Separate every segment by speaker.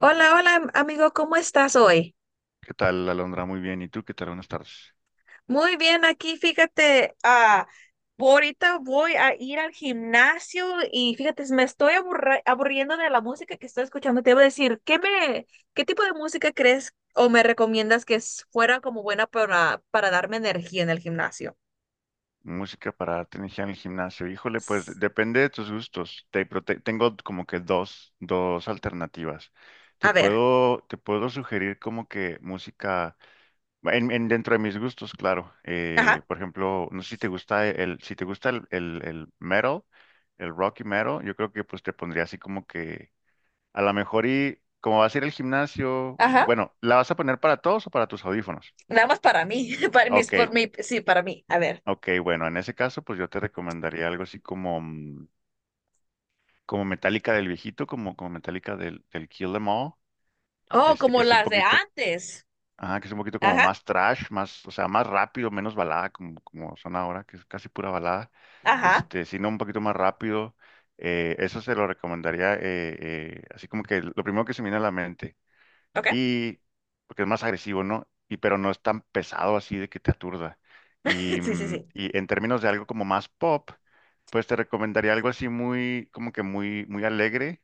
Speaker 1: Hola, hola amigo, ¿cómo estás hoy?
Speaker 2: ¿Qué tal, Alondra? Muy bien. ¿Y tú qué tal? Buenas tardes.
Speaker 1: Muy bien, aquí fíjate, ahorita voy a ir al gimnasio y fíjate, me estoy aburriendo de la música que estoy escuchando. Te iba a decir, ¿qué tipo de música crees o me recomiendas que fuera como buena para darme energía en el gimnasio?
Speaker 2: Música para darte energía en el gimnasio. Híjole, pues depende de tus gustos. Pero tengo como que dos alternativas. Te
Speaker 1: A ver,
Speaker 2: puedo, te puedo sugerir como que música dentro de mis gustos, claro.
Speaker 1: ajá,
Speaker 2: Por ejemplo, no sé si te gusta el metal, el rock y metal. Yo creo que pues te pondría así como que a lo mejor, y como vas a ir al gimnasio,
Speaker 1: ajá,
Speaker 2: bueno, ¿la vas a poner para todos o para tus audífonos?
Speaker 1: nada más para mí, para mis,
Speaker 2: Ok.
Speaker 1: por mí, sí, para mí, a ver.
Speaker 2: Ok, bueno, en ese caso, pues yo te recomendaría algo así como, como Metallica del viejito, como Metallica del Kill Em All,
Speaker 1: Oh,
Speaker 2: este, que
Speaker 1: como
Speaker 2: es un
Speaker 1: las de
Speaker 2: poquito,
Speaker 1: antes.
Speaker 2: que es un poquito como
Speaker 1: Ajá,
Speaker 2: más trash, más, o sea, más rápido, menos balada, como, como son ahora, que es casi pura balada,
Speaker 1: ajá,
Speaker 2: este, sino un poquito más rápido. Eso se lo recomendaría. Así como que lo primero que se me viene a la mente.
Speaker 1: ok,
Speaker 2: y Porque es más agresivo, ¿no? Y pero no es tan pesado así de que te aturda.
Speaker 1: sí, sí, sí.
Speaker 2: Y en términos de algo como más pop, pues te recomendaría algo así muy, como que muy, muy alegre.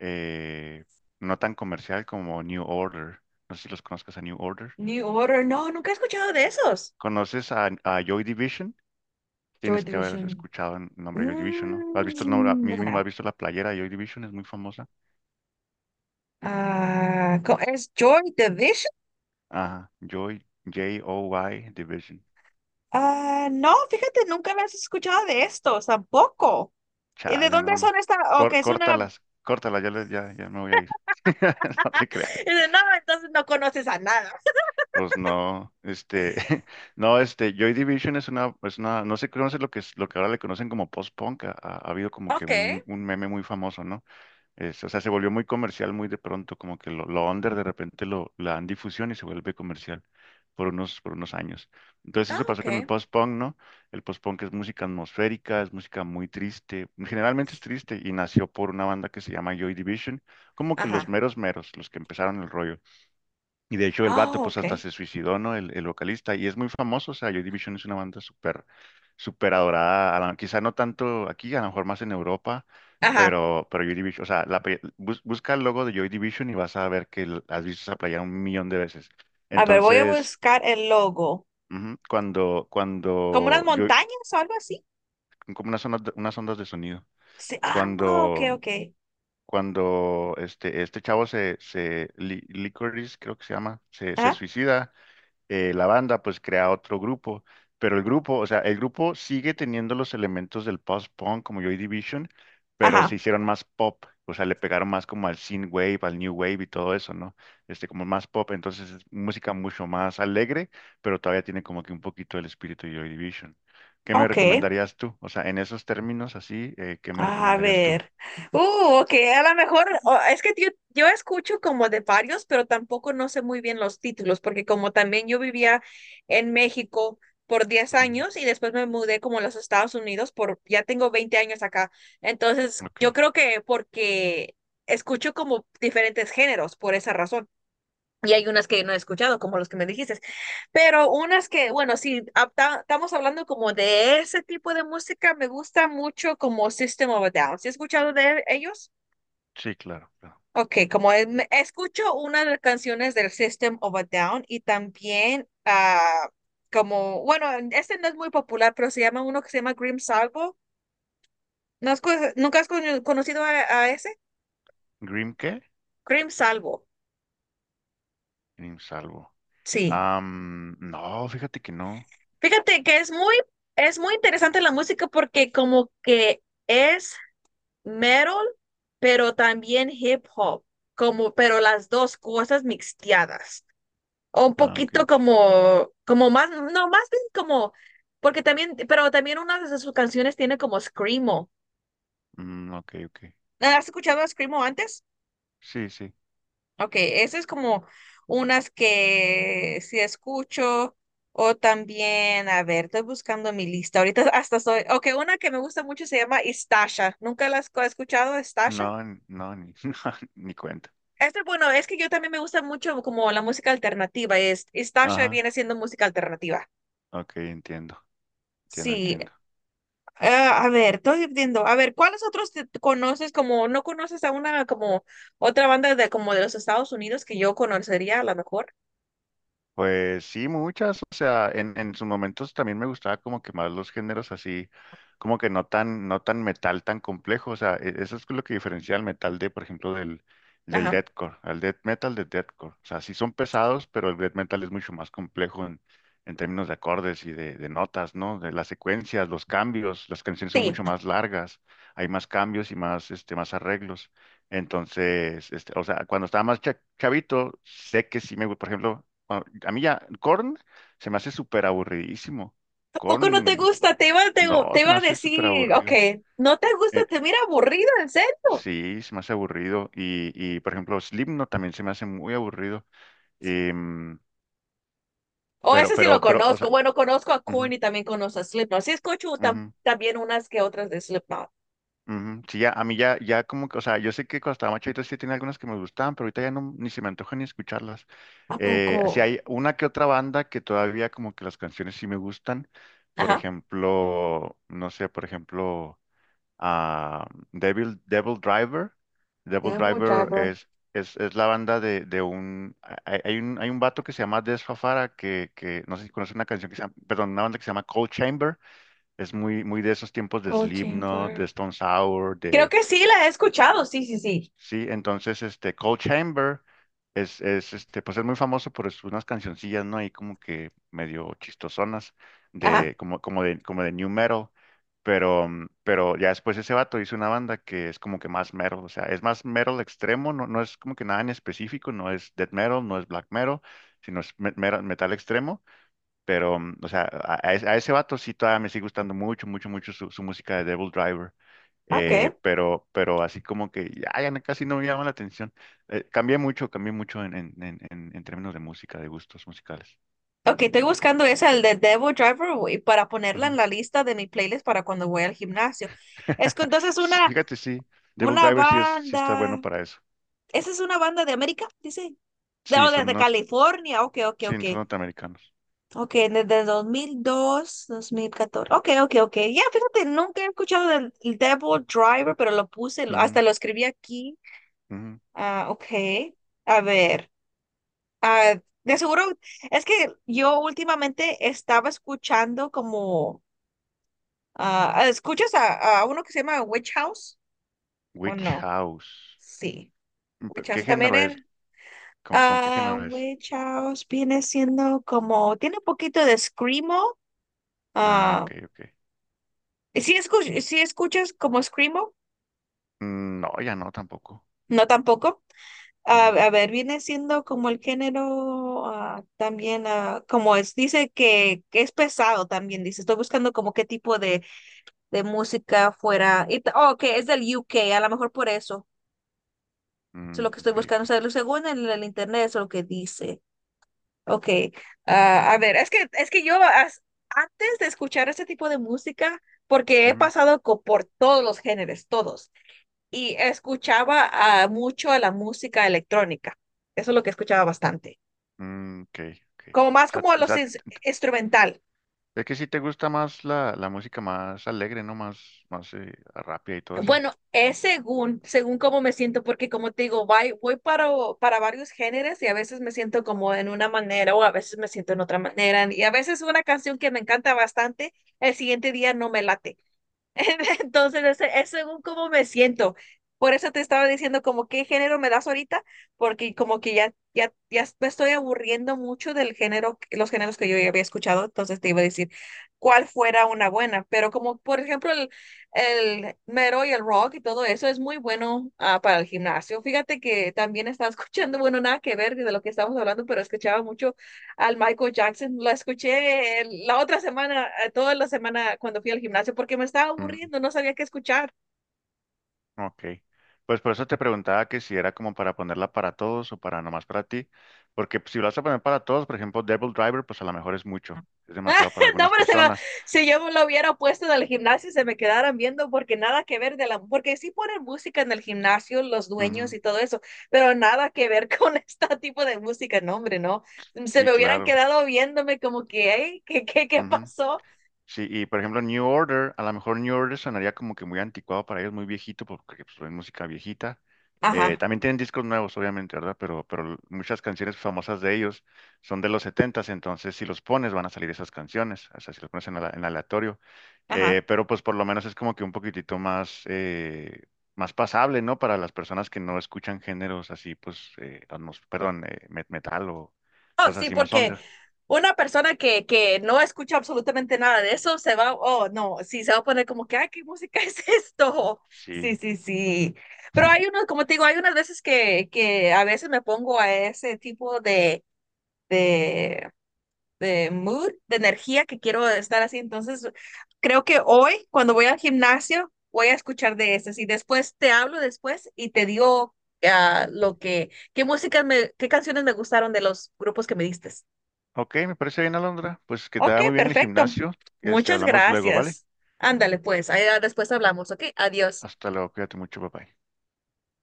Speaker 2: eh, no tan comercial como New Order. No sé si los conozcas a New Order.
Speaker 1: New Order, no, nunca he escuchado de esos.
Speaker 2: ¿Conoces a Joy Division?
Speaker 1: Joy
Speaker 2: Tienes que haber
Speaker 1: Division.
Speaker 2: escuchado el nombre de Joy Division, ¿no? ¿Has visto el nombre?
Speaker 1: Mm,
Speaker 2: Mínimo,
Speaker 1: ya.
Speaker 2: ¿has visto la playera de Joy Division? Es muy famosa.
Speaker 1: Ah, ¿es Joy Division?
Speaker 2: Ajá, Joy, Joy Division.
Speaker 1: Ah, no, fíjate, nunca me has escuchado de estos tampoco. ¿Y de
Speaker 2: Chale, no,
Speaker 1: dónde
Speaker 2: me.
Speaker 1: son estas? Ok,
Speaker 2: Cor
Speaker 1: es una...
Speaker 2: Córtalas, córtalas, ya, ya, ya me voy a ir. No te creas.
Speaker 1: No, entonces no conoces a nada.
Speaker 2: Pues no, este, no, este, Joy Division es es una, no sé, conoces lo que es, lo que ahora le conocen como post-punk. Ha habido como que
Speaker 1: Ok,
Speaker 2: un meme muy famoso, ¿no? Es, o sea, se volvió muy comercial muy de pronto, como que lo under de repente la dan difusión y se vuelve comercial por unos años. Entonces
Speaker 1: ah,
Speaker 2: eso pasó
Speaker 1: ok.
Speaker 2: con el post-punk, ¿no? El post-punk es música atmosférica, es música muy triste, generalmente es triste y nació por una banda que se llama Joy Division, como que los
Speaker 1: Ajá.
Speaker 2: meros meros, los que empezaron el rollo. Y de hecho el
Speaker 1: Ah,
Speaker 2: vato pues hasta
Speaker 1: ok.
Speaker 2: se suicidó, ¿no? El vocalista. Y es muy famoso, o sea, Joy Division es una banda súper, súper adorada. Quizá no tanto aquí, a lo mejor más en Europa,
Speaker 1: Ajá.
Speaker 2: pero Joy Division, o sea, busca el logo de Joy Division y vas a ver que has visto esa playera un millón de veces.
Speaker 1: A ver, voy a
Speaker 2: Entonces,
Speaker 1: buscar el logo.
Speaker 2: ujú,
Speaker 1: ¿Como unas montañas o algo así?
Speaker 2: como unas ondas, unas ondas de sonido,
Speaker 1: Sí. Ah, ok,
Speaker 2: cuando...
Speaker 1: ok.
Speaker 2: Cuando este chavo Li- Licorice, creo que se llama, se
Speaker 1: Ajá.
Speaker 2: suicida. La banda pues crea otro grupo, pero el grupo, o sea, el grupo sigue teniendo los elementos del post-punk como Joy Division, pero se
Speaker 1: Ajá.
Speaker 2: hicieron más pop, o sea, le pegaron más como al synthwave, al new wave y todo eso, ¿no? Este, como más pop, entonces es música mucho más alegre, pero todavía tiene como que un poquito el espíritu de Joy Division. ¿Qué me
Speaker 1: Ok.
Speaker 2: recomendarías tú? O sea, en esos términos así, ¿qué me
Speaker 1: A
Speaker 2: recomendarías tú?
Speaker 1: ver. Uh, ok, a lo mejor, es que yo escucho como de varios, pero tampoco no sé muy bien los títulos, porque como también yo vivía en México por diez
Speaker 2: Ujú.
Speaker 1: años y después me mudé como a los Estados Unidos por, ya tengo 20 años acá. Entonces,
Speaker 2: Ok,
Speaker 1: yo creo que porque escucho como diferentes géneros por esa razón. Y hay unas que no he escuchado, como los que me dijiste. Pero unas que, bueno, si estamos hablando como de ese tipo de música, me gusta mucho como System of a Down. ¿Sí has escuchado de ellos?
Speaker 2: sí, claro, claro.
Speaker 1: Ok, como escucho una de las canciones del System of a Down y también ah, como, bueno, este no es muy popular, pero se llama uno que se llama Grim Salvo. ¿No has ¿Nunca has conocido a ese?
Speaker 2: ¿Grim qué?
Speaker 1: Grim Salvo,
Speaker 2: Grim Salvo.
Speaker 1: sí.
Speaker 2: No, fíjate que no.
Speaker 1: Fíjate que es muy interesante la música porque como que es metal, pero también hip hop, como, pero las dos cosas mixteadas. O un
Speaker 2: Ah, ok,
Speaker 1: poquito
Speaker 2: ok.
Speaker 1: como, como más, no, más bien como, porque también, pero también una de sus canciones tiene como Screamo.
Speaker 2: Mm, ok, ok.
Speaker 1: ¿Has escuchado a Screamo antes?
Speaker 2: Sí, sí.
Speaker 1: Ok, esa es como unas que sí escucho o también, a ver, estoy buscando mi lista. Ahorita hasta soy, ok, una que me gusta mucho se llama Istasha. ¿Nunca la has escuchado, Istasha?
Speaker 2: No, no, ni, no, ni cuenta.
Speaker 1: Este, bueno, es que yo también me gusta mucho como la música alternativa. Es, Istasha
Speaker 2: Ajá,
Speaker 1: viene siendo música alternativa.
Speaker 2: ok, entiendo, entiendo,
Speaker 1: Sí,
Speaker 2: entiendo.
Speaker 1: ah, a ver, estoy viendo. A ver, ¿cuáles otros te conoces como, no conoces a una como otra banda de como de los Estados Unidos que yo conocería a lo mejor?
Speaker 2: Pues sí, muchas. O sea, en sus momentos también me gustaba como que más los géneros así, como que no tan, no tan metal tan complejo. O sea, eso es lo que diferencia al metal de, por ejemplo, del
Speaker 1: Ajá.
Speaker 2: deathcore, al death metal del deathcore. O sea, sí son pesados, pero el death metal es mucho más complejo en términos de acordes de notas, ¿no? De las secuencias, los cambios, las canciones son
Speaker 1: Sí.
Speaker 2: mucho más largas, hay más cambios y más, este, más arreglos. Entonces, este, o sea, cuando estaba más chavito, sé que sí me, por ejemplo, a, a mí ya, Korn se me hace súper aburridísimo.
Speaker 1: ¿poco no te
Speaker 2: Korn,
Speaker 1: gusta? Te iba,
Speaker 2: no,
Speaker 1: te
Speaker 2: se me
Speaker 1: iba a
Speaker 2: hace súper
Speaker 1: decir, ok,
Speaker 2: aburrido.
Speaker 1: no te gusta,
Speaker 2: Eh,
Speaker 1: te mira aburrido, en serio.
Speaker 2: sí, se me hace aburrido. Y, por ejemplo, Slipknot también se me hace muy aburrido. Em,
Speaker 1: O
Speaker 2: pero,
Speaker 1: ese sí lo
Speaker 2: pero, pero, o
Speaker 1: conozco.
Speaker 2: sea,
Speaker 1: Bueno, conozco a Korn
Speaker 2: ujú,
Speaker 1: y también conozco a Slipknot. Sí, escucho
Speaker 2: ujú,
Speaker 1: también unas que otras de Slipknot.
Speaker 2: ujú. Sí, ya, a mí ya, ya como que, o sea, yo sé que cuando estaba más chavito sí tenía algunas que me gustaban, pero ahorita ya no, ni se me antoja ni escucharlas.
Speaker 1: ¿A poco?
Speaker 2: Sí hay una que otra banda que todavía como que las canciones sí me gustan. Por
Speaker 1: Ajá.
Speaker 2: ejemplo, no sé, por ejemplo. A Devil Driver. Devil
Speaker 1: Devil
Speaker 2: Driver
Speaker 1: Driver,
Speaker 2: es la banda de un, hay un... Hay un vato que se llama Des Fafara, que no sé si conoce una canción que se llama, perdón, una banda que se llama Cold Chamber. Es muy, muy de esos tiempos de
Speaker 1: Cold
Speaker 2: Slipknot,
Speaker 1: Chamber.
Speaker 2: de Stone Sour,
Speaker 1: Creo
Speaker 2: de.
Speaker 1: que sí la he escuchado, sí, sí, sí.
Speaker 2: Sí, entonces este Cold Chamber es este, pues es muy famoso por unas cancioncillas, ¿no? Ahí como que medio chistosonas
Speaker 1: Ajá.
Speaker 2: de como de new metal, pero pero ya después ese vato hizo una banda que es como que más metal, o sea, es más metal extremo, no, no es como que nada en específico, no es death metal, no es black metal, sino es metal extremo, pero, o sea, a ese vato sí todavía me sigue gustando mucho, mucho, mucho su, su música de Devil Driver.
Speaker 1: Ok.
Speaker 2: Pero así como que ya, casi no me llama la atención. Cambié mucho, cambié mucho en términos de música, de gustos musicales.
Speaker 1: Ok, estoy buscando esa, el de Devil Driver, güey, para ponerla en
Speaker 2: Ujú.
Speaker 1: la lista de mi playlist para cuando voy al gimnasio. Es que entonces
Speaker 2: Sí, fíjate, sí, Devil
Speaker 1: una
Speaker 2: Driver sí, es, sí está bueno
Speaker 1: banda
Speaker 2: para eso.
Speaker 1: Esa es una banda de América, dice.
Speaker 2: Sí,
Speaker 1: No,
Speaker 2: son,
Speaker 1: desde
Speaker 2: no,
Speaker 1: California. Ok, ok,
Speaker 2: sí,
Speaker 1: ok.
Speaker 2: son norteamericanos.
Speaker 1: Ok, desde 2002 2014 Ok, ok, ok. Ya, fíjate, nunca he escuchado del el Devil Driver, pero lo puse,
Speaker 2: Ujú,
Speaker 1: hasta lo escribí aquí.
Speaker 2: ujú.
Speaker 1: Ah, ok. A ver. Ah, de seguro, es que yo últimamente estaba escuchando como. Ah, ¿escuchas a uno que se llama Witch House? ¿O
Speaker 2: Witch
Speaker 1: no?
Speaker 2: House.
Speaker 1: Sí.
Speaker 2: Mm,
Speaker 1: Witch
Speaker 2: pero ¿qué
Speaker 1: House también
Speaker 2: género
Speaker 1: era.
Speaker 2: es? ¿Con qué
Speaker 1: Ah,
Speaker 2: género es?
Speaker 1: Witch House viene siendo como, tiene un poquito de screamo.
Speaker 2: Ah,
Speaker 1: Ah,
Speaker 2: ok, ok.
Speaker 1: si escuchas como screamo,
Speaker 2: Mm, no, ya no tampoco.
Speaker 1: no tampoco. Ah, a ver, viene siendo como el género ah, también, ah, como es, dice que es pesado también, dice. Estoy buscando como qué tipo de música fuera. Y oh, que es del UK a lo mejor por eso. Eso es
Speaker 2: Mm,
Speaker 1: lo que estoy
Speaker 2: ok,
Speaker 1: buscando.
Speaker 2: ok.
Speaker 1: O sea, según en el internet, eso es lo que dice. Ok, ah, a ver, es que yo antes de escuchar este tipo de música, porque he
Speaker 2: Ujú,
Speaker 1: pasado por todos los géneros, todos, y escuchaba ah, mucho a la música electrónica, eso es lo que escuchaba bastante,
Speaker 2: mm, ok, ok.
Speaker 1: como más
Speaker 2: O sea,
Speaker 1: como a
Speaker 2: t- o
Speaker 1: los
Speaker 2: sea, t- t-
Speaker 1: instrumental.
Speaker 2: es que sí te gusta más la música más alegre, ¿no? Más, más rápida y todo eso.
Speaker 1: Bueno, es según, según cómo me siento, porque como te digo, voy, voy para varios géneros y a veces me siento como en una manera o a veces me siento en otra manera, y a veces una canción que me encanta bastante, el siguiente día no me late. Entonces, es según cómo me siento. Por eso te estaba diciendo como qué género me das ahorita, porque como que ya me estoy aburriendo mucho del género, los géneros que yo ya había escuchado, entonces te iba a decir cuál fuera una buena. Pero como por ejemplo el mero y el rock y todo eso es muy bueno ah, para el gimnasio. Fíjate que también estaba escuchando, bueno, nada que ver de lo que estamos hablando, pero escuchaba mucho al Michael Jackson. Lo escuché la otra semana, toda la semana cuando fui al gimnasio, porque me estaba
Speaker 2: Mm,
Speaker 1: aburriendo, no sabía qué escuchar.
Speaker 2: ok. Pues por eso te preguntaba que si era como para ponerla para todos o para nomás para ti. Porque pues, si lo vas a poner para todos, por ejemplo, Devil Driver, pues a lo mejor es mucho. Es demasiado para
Speaker 1: No,
Speaker 2: algunas
Speaker 1: pero
Speaker 2: personas.
Speaker 1: si yo me lo hubiera puesto en el gimnasio, se me quedaran viendo, porque nada que ver de la, porque sí ponen música en el gimnasio, los dueños
Speaker 2: Ujú.
Speaker 1: y todo eso, pero nada que ver con este tipo de música, no, hombre, no. Se
Speaker 2: Sí,
Speaker 1: me hubieran
Speaker 2: claro.
Speaker 1: quedado viéndome como que, "Ey, ¿qué, qué, qué
Speaker 2: Ujú.
Speaker 1: pasó?
Speaker 2: Sí, y por ejemplo New Order, a lo mejor New Order sonaría como que muy anticuado para ellos, muy viejito, porque pues, es música viejita.
Speaker 1: Ajá,
Speaker 2: También tienen discos nuevos, obviamente, ¿verdad? Pero muchas canciones famosas de ellos son de los setentas, entonces si los pones van a salir esas canciones, o sea, si los pones en, en aleatorio.
Speaker 1: ajá.
Speaker 2: Pero pues por lo menos es como que un poquitito más, más pasable, ¿no? Para las personas que no escuchan géneros así, pues, metal o
Speaker 1: Oh,
Speaker 2: cosas
Speaker 1: sí,
Speaker 2: así más
Speaker 1: porque
Speaker 2: under.
Speaker 1: una persona que no escucha absolutamente nada de eso se va, oh, no, sí, se va a poner como que, ay, ¿qué música es esto? Sí,
Speaker 2: Sí.
Speaker 1: sí, sí. Pero hay unos, como te digo, hay unas veces que a veces me pongo a ese tipo de, de mood, de energía que quiero estar así. Entonces, creo que hoy, cuando voy al gimnasio, voy a escuchar de esas y después te hablo después y te digo ah, lo que, qué música me, qué canciones me gustaron de los grupos que me diste.
Speaker 2: Ok, me parece bien, Alondra. Pues que te
Speaker 1: Ok,
Speaker 2: vaya muy bien el
Speaker 1: perfecto.
Speaker 2: gimnasio. Este,
Speaker 1: Muchas
Speaker 2: hablamos luego, ¿vale?
Speaker 1: gracias. Ándale, pues, ahí ah, después hablamos, ¿ok? Adiós.
Speaker 2: Hasta luego, cuídate mucho, papá.